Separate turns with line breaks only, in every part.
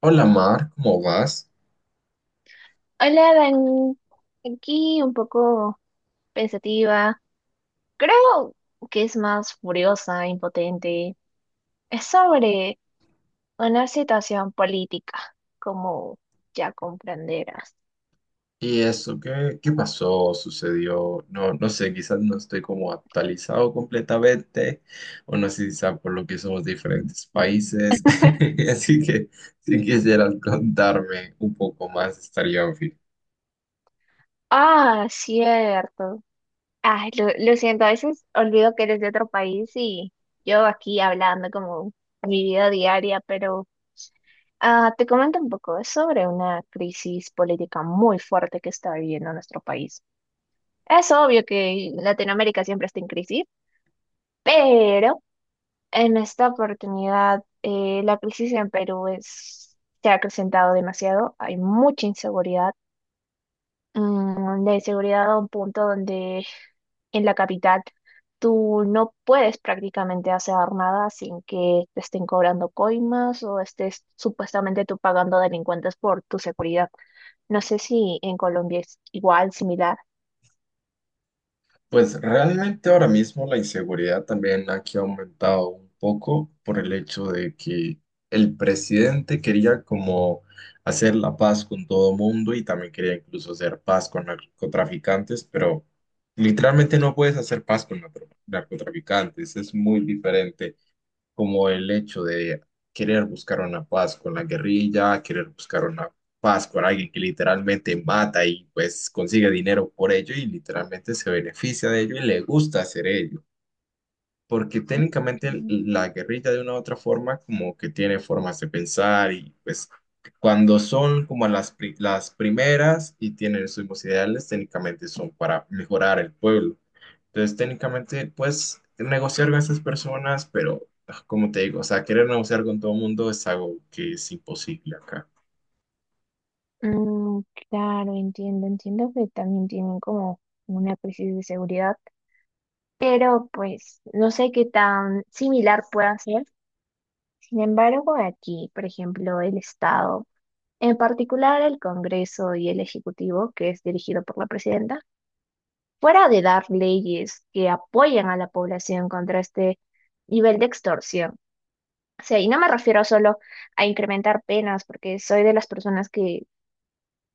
Hola Mar, ¿cómo vas?
Hola, Dan. Aquí un poco pensativa. Creo que es más furiosa, impotente. Es sobre una situación política, como ya comprenderás.
¿Y eso qué pasó? ¿Sucedió? No sé, quizás no estoy como actualizado completamente, o no sé si por lo que somos de diferentes países. Así que si quisieras contarme un poco más, estaría bien.
Ah, cierto. Ah, lo siento, a veces olvido que eres de otro país y yo aquí hablando como mi vida diaria, pero ah, te comento un poco. Es sobre una crisis política muy fuerte que está viviendo nuestro país. Es obvio que Latinoamérica siempre está en crisis, pero en esta oportunidad la crisis en Perú se ha acrecentado demasiado. Hay mucha inseguridad, la inseguridad a un punto donde en la capital tú no puedes prácticamente hacer nada sin que te estén cobrando coimas o estés supuestamente tú pagando delincuentes por tu seguridad. No sé si en Colombia es igual, similar.
Pues realmente ahora mismo la inseguridad también aquí ha aumentado un poco por el hecho de que el presidente quería como hacer la paz con todo mundo y también quería incluso hacer paz con narcotraficantes, pero literalmente no puedes hacer paz con narcotraficantes, es muy diferente como el hecho de querer buscar una paz con la guerrilla, querer buscar una paz con alguien que literalmente mata y pues consigue dinero por ello y literalmente se beneficia de ello y le gusta hacer ello. Porque técnicamente la guerrilla de una u otra forma como que tiene formas de pensar y pues cuando son como las primeras y tienen sus mismos ideales, técnicamente son para mejorar el pueblo. Entonces, técnicamente puedes negociar con esas personas, pero como te digo, o sea, querer negociar con todo el mundo es algo que es imposible acá.
Mm, claro, entiendo, entiendo que también tienen como una crisis de seguridad, pero pues no sé qué tan similar pueda ser. Sin embargo, aquí, por ejemplo, el Estado, en particular el Congreso y el Ejecutivo, que es dirigido por la presidenta, fuera de dar leyes que apoyen a la población contra este nivel de extorsión. O sea, y no me refiero solo a incrementar penas, porque soy de las personas que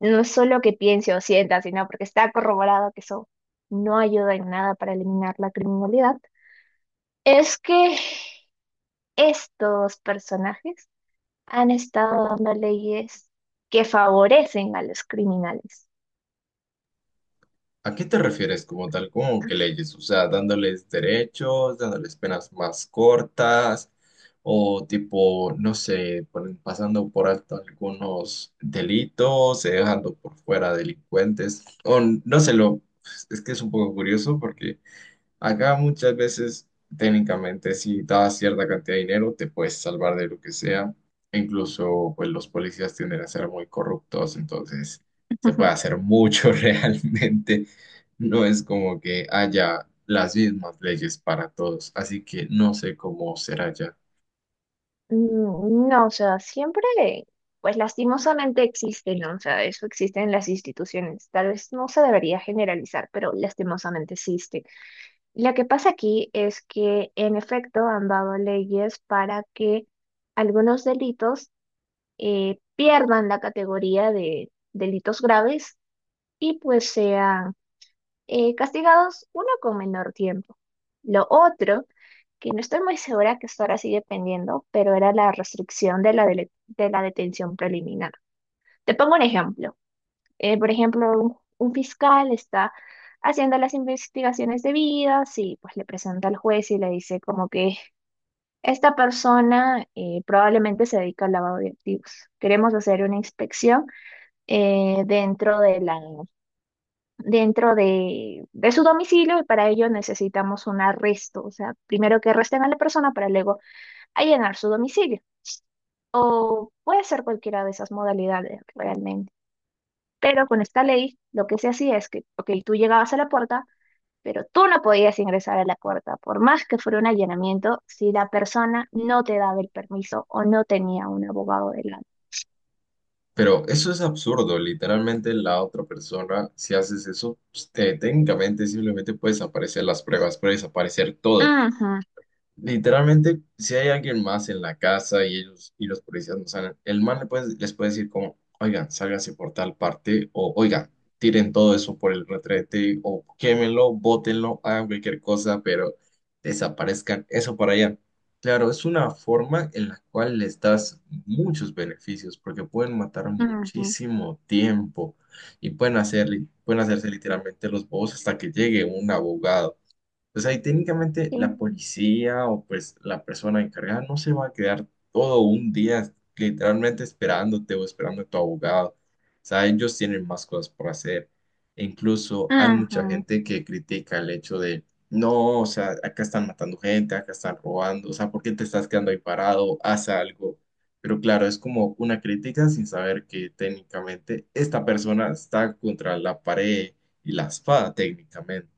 no es solo que piense o sienta, sino porque está corroborado que eso no ayuda en nada para eliminar la criminalidad, es que estos personajes han estado dando leyes que favorecen a los criminales.
¿A qué te refieres como tal? ¿Cómo que leyes? O sea, dándoles derechos, dándoles penas más cortas, o tipo, no sé, pasando por alto algunos delitos, dejando por fuera delincuentes, o no sé, lo, es que es un poco curioso porque... Acá muchas veces, técnicamente, si das cierta cantidad de dinero, te puedes salvar de lo que sea. E incluso, pues los policías tienden a ser muy corruptos, entonces se puede hacer mucho realmente. No es como que haya las mismas leyes para todos, así que no sé cómo será ya.
Mm, no, o sea, siempre, pues lastimosamente existen, ¿no? O sea, eso existe en las instituciones. Tal vez no se debería generalizar, pero lastimosamente existe. Lo que pasa aquí es que en efecto han dado leyes para que algunos delitos pierdan la categoría de delitos graves y pues sean castigados uno con menor tiempo. Lo otro, que no estoy muy segura que hasta ahora sigue pendiendo, pero era la restricción de la detención preliminar. Te pongo un ejemplo por ejemplo, un fiscal está haciendo las investigaciones debidas y pues le presenta al juez y le dice como que esta persona probablemente se dedica al lavado de activos. Queremos hacer una inspección dentro de la, dentro de su domicilio y para ello necesitamos un arresto. O sea, primero que arresten a la persona para luego allanar su domicilio. O puede ser cualquiera de esas modalidades realmente. Pero con esta ley, lo que se hacía es que, ok, tú llegabas a la puerta, pero tú no podías ingresar a la puerta, por más que fuera un allanamiento, si la persona no te daba el permiso o no tenía un abogado delante.
Pero eso es absurdo, literalmente la otra persona, si haces eso, pues, técnicamente simplemente puedes aparecer las pruebas, puedes aparecer todo.
Ajá,
Literalmente, si hay alguien más en la casa y ellos y los policías no salen, el man les puede decir como, oigan, sálganse por tal parte, o oigan, tiren todo eso por el retrete, o quémenlo, bótenlo, hagan cualquier cosa, pero desaparezcan eso para allá. Claro, es una forma en la cual les das muchos beneficios, porque pueden matar
ajá,
muchísimo tiempo y pueden hacerse literalmente los bobos hasta que llegue un abogado. Pues ahí técnicamente
sí,
la policía o pues la persona encargada no se va a quedar todo un día literalmente esperándote o esperando a tu abogado. O sea, ellos tienen más cosas por hacer. E incluso hay mucha
ajá.
gente que critica el hecho de, no, o sea, acá están matando gente, acá están robando, o sea, ¿por qué te estás quedando ahí parado? Haz algo. Pero claro, es como una crítica sin saber que técnicamente esta persona está contra la pared y la espada técnicamente.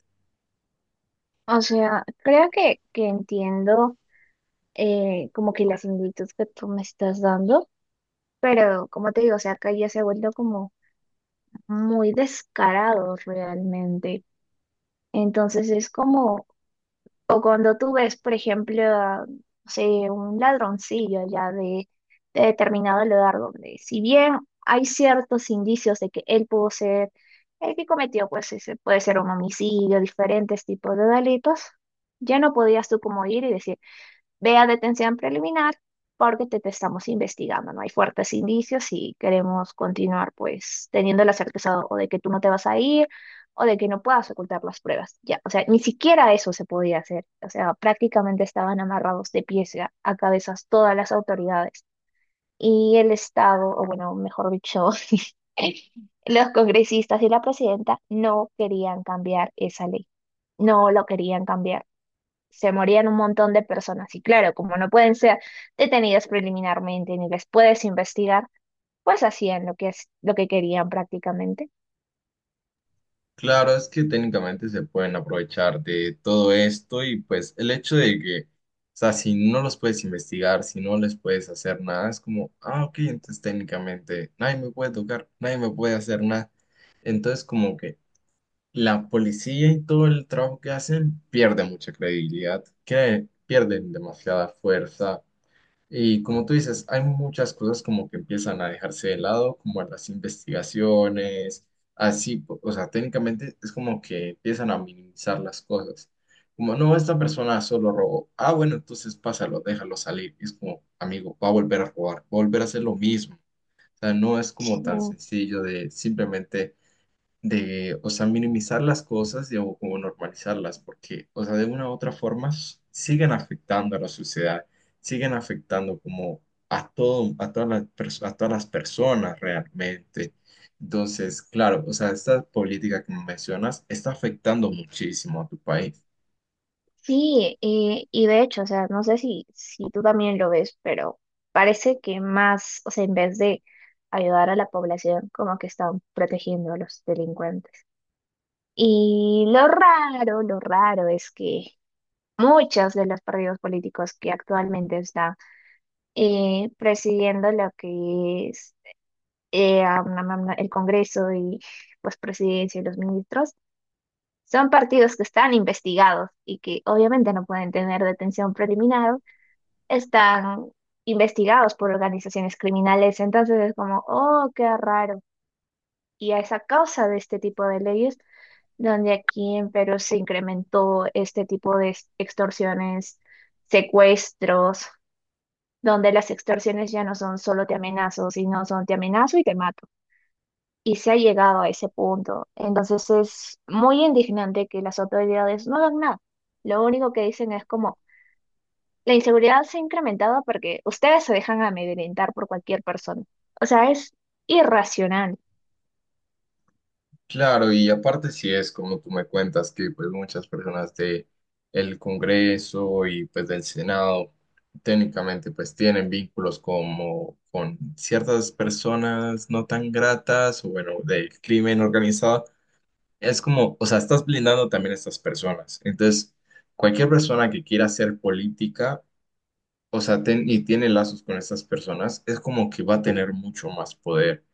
O sea, creo que entiendo como que la similitud que tú me estás dando, pero como te digo, o sea, acá ya se ha vuelto como muy descarado realmente. Entonces es como. O cuando tú ves, por ejemplo, a, no sé, un ladroncillo ya de determinado lugar donde, si bien hay ciertos indicios de que él pudo ser el que cometió, pues ese puede ser un homicidio, diferentes tipos de delitos, ya no podías tú como ir y decir, ve a detención preliminar porque te estamos investigando, ¿no? Hay fuertes indicios y queremos continuar, pues, teniendo la certeza o de que tú no te vas a ir o de que no puedas ocultar las pruebas. Ya, o sea, ni siquiera eso se podía hacer. O sea, prácticamente estaban amarrados de pies a cabezas todas las autoridades. Y el Estado, o bueno, mejor dicho, los congresistas y la presidenta no querían cambiar esa ley. No lo querían cambiar se morían un montón de personas. Y claro, como no pueden ser detenidas preliminarmente ni les puedes investigar, pues hacían lo que es, lo que querían prácticamente.
Claro, es que técnicamente se pueden aprovechar de todo esto y pues el hecho de que, o sea, si no los puedes investigar, si no les puedes hacer nada, es como, ah, ok, entonces técnicamente nadie me puede tocar, nadie me puede hacer nada. Entonces como que la policía y todo el trabajo que hacen pierde mucha credibilidad, que pierden demasiada fuerza y como tú dices, hay muchas cosas como que empiezan a dejarse de lado, como las investigaciones, así, o sea, técnicamente es como que empiezan a minimizar las cosas. Como, no, esta persona solo robó. Ah, bueno, entonces pásalo, déjalo salir. Y es como, amigo, va a volver a robar, va a volver a hacer lo mismo. O sea, no es como
Sí,
tan sencillo de simplemente de, o sea, minimizar las cosas y, o como normalizarlas, porque, o sea, de una u otra forma siguen afectando a la sociedad, siguen afectando como a todo, a a todas las personas realmente. Entonces, claro, o sea, esta política que mencionas está afectando muchísimo a tu país.
sí, y de hecho, o sea, no sé si tú también lo ves, pero parece que más, o sea, en vez de ayudar a la población, como que están protegiendo a los delincuentes. Y lo raro es que muchos de los partidos políticos que actualmente están presidiendo lo que es el Congreso y pues presidencia y los ministros, son partidos que están investigados y que obviamente no pueden tener detención preliminar, están investigados por organizaciones criminales. Entonces es como, oh, qué raro. Y a esa causa de este tipo de leyes donde aquí en Perú se incrementó este tipo de extorsiones, secuestros, donde las extorsiones ya no son solo te amenazo, sino son te amenazo y te mato, y se ha llegado a ese punto. Entonces es muy indignante que las autoridades no hagan nada. Lo único que dicen es como, la inseguridad se ha incrementado porque ustedes se dejan amedrentar por cualquier persona. O sea, es irracional.
Claro, y aparte si es como tú me cuentas que pues muchas personas de el Congreso y pues del Senado técnicamente pues tienen vínculos como con ciertas personas no tan gratas o bueno, del crimen organizado, es como, o sea, estás blindando también a estas personas. Entonces, cualquier persona que quiera hacer política o sea, y tiene lazos con estas personas, es como que va a tener mucho más poder,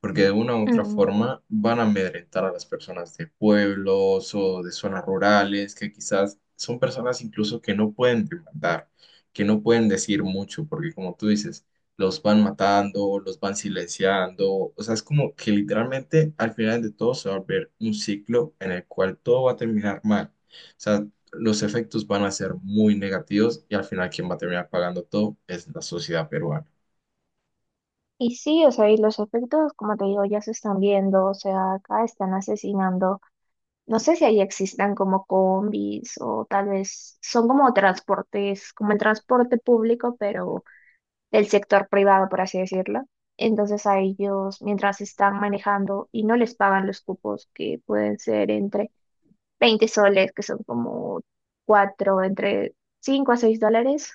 porque de una u otra
Mm,
forma van a amedrentar a las personas de pueblos o de zonas rurales, que quizás son personas incluso que no pueden demandar, que no pueden decir mucho, porque como tú dices, los van matando, los van silenciando, o sea, es como que literalmente al final de todo se va a ver un ciclo en el cual todo va a terminar mal. O sea, los efectos van a ser muy negativos y al final quien va a terminar pagando todo es la sociedad peruana.
Y sí, o sea, y los efectos, como te digo, ya se están viendo, o sea, acá están asesinando. No sé si ahí existan como combis o tal vez son como transportes, como el transporte público, pero del sector privado, por así decirlo. Entonces a ellos, mientras están manejando y no les pagan los cupos, que pueden ser entre 20 soles, que son como 4 entre 5 a 6 dólares,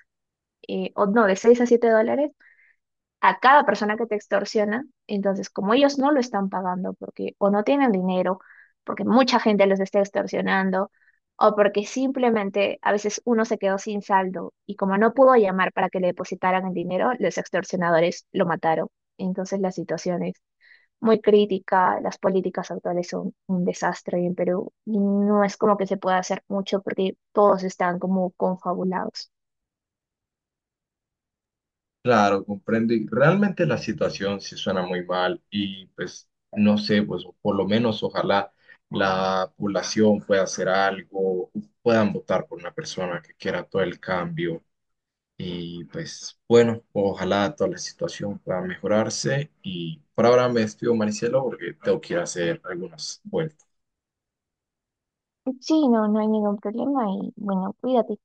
o no, de 6 a 7 dólares, a cada persona que te extorsiona. Entonces, como ellos no lo están pagando porque o no tienen dinero, porque mucha gente los está extorsionando, o porque simplemente a veces uno se quedó sin saldo y como no pudo llamar para que le depositaran el dinero, los extorsionadores lo mataron. Entonces, la situación es muy crítica, las políticas actuales son un desastre en Perú y no es como que se pueda hacer mucho porque todos están como confabulados.
Claro, comprendo y realmente la situación sí suena muy mal y pues no sé, pues por lo menos ojalá la población pueda hacer algo, puedan votar por una persona que quiera todo el cambio y pues bueno, ojalá toda la situación pueda mejorarse y por ahora me despido Maricelo porque tengo que ir a hacer algunas vueltas.
Sí, no, no hay ningún problema y bueno, cuídate.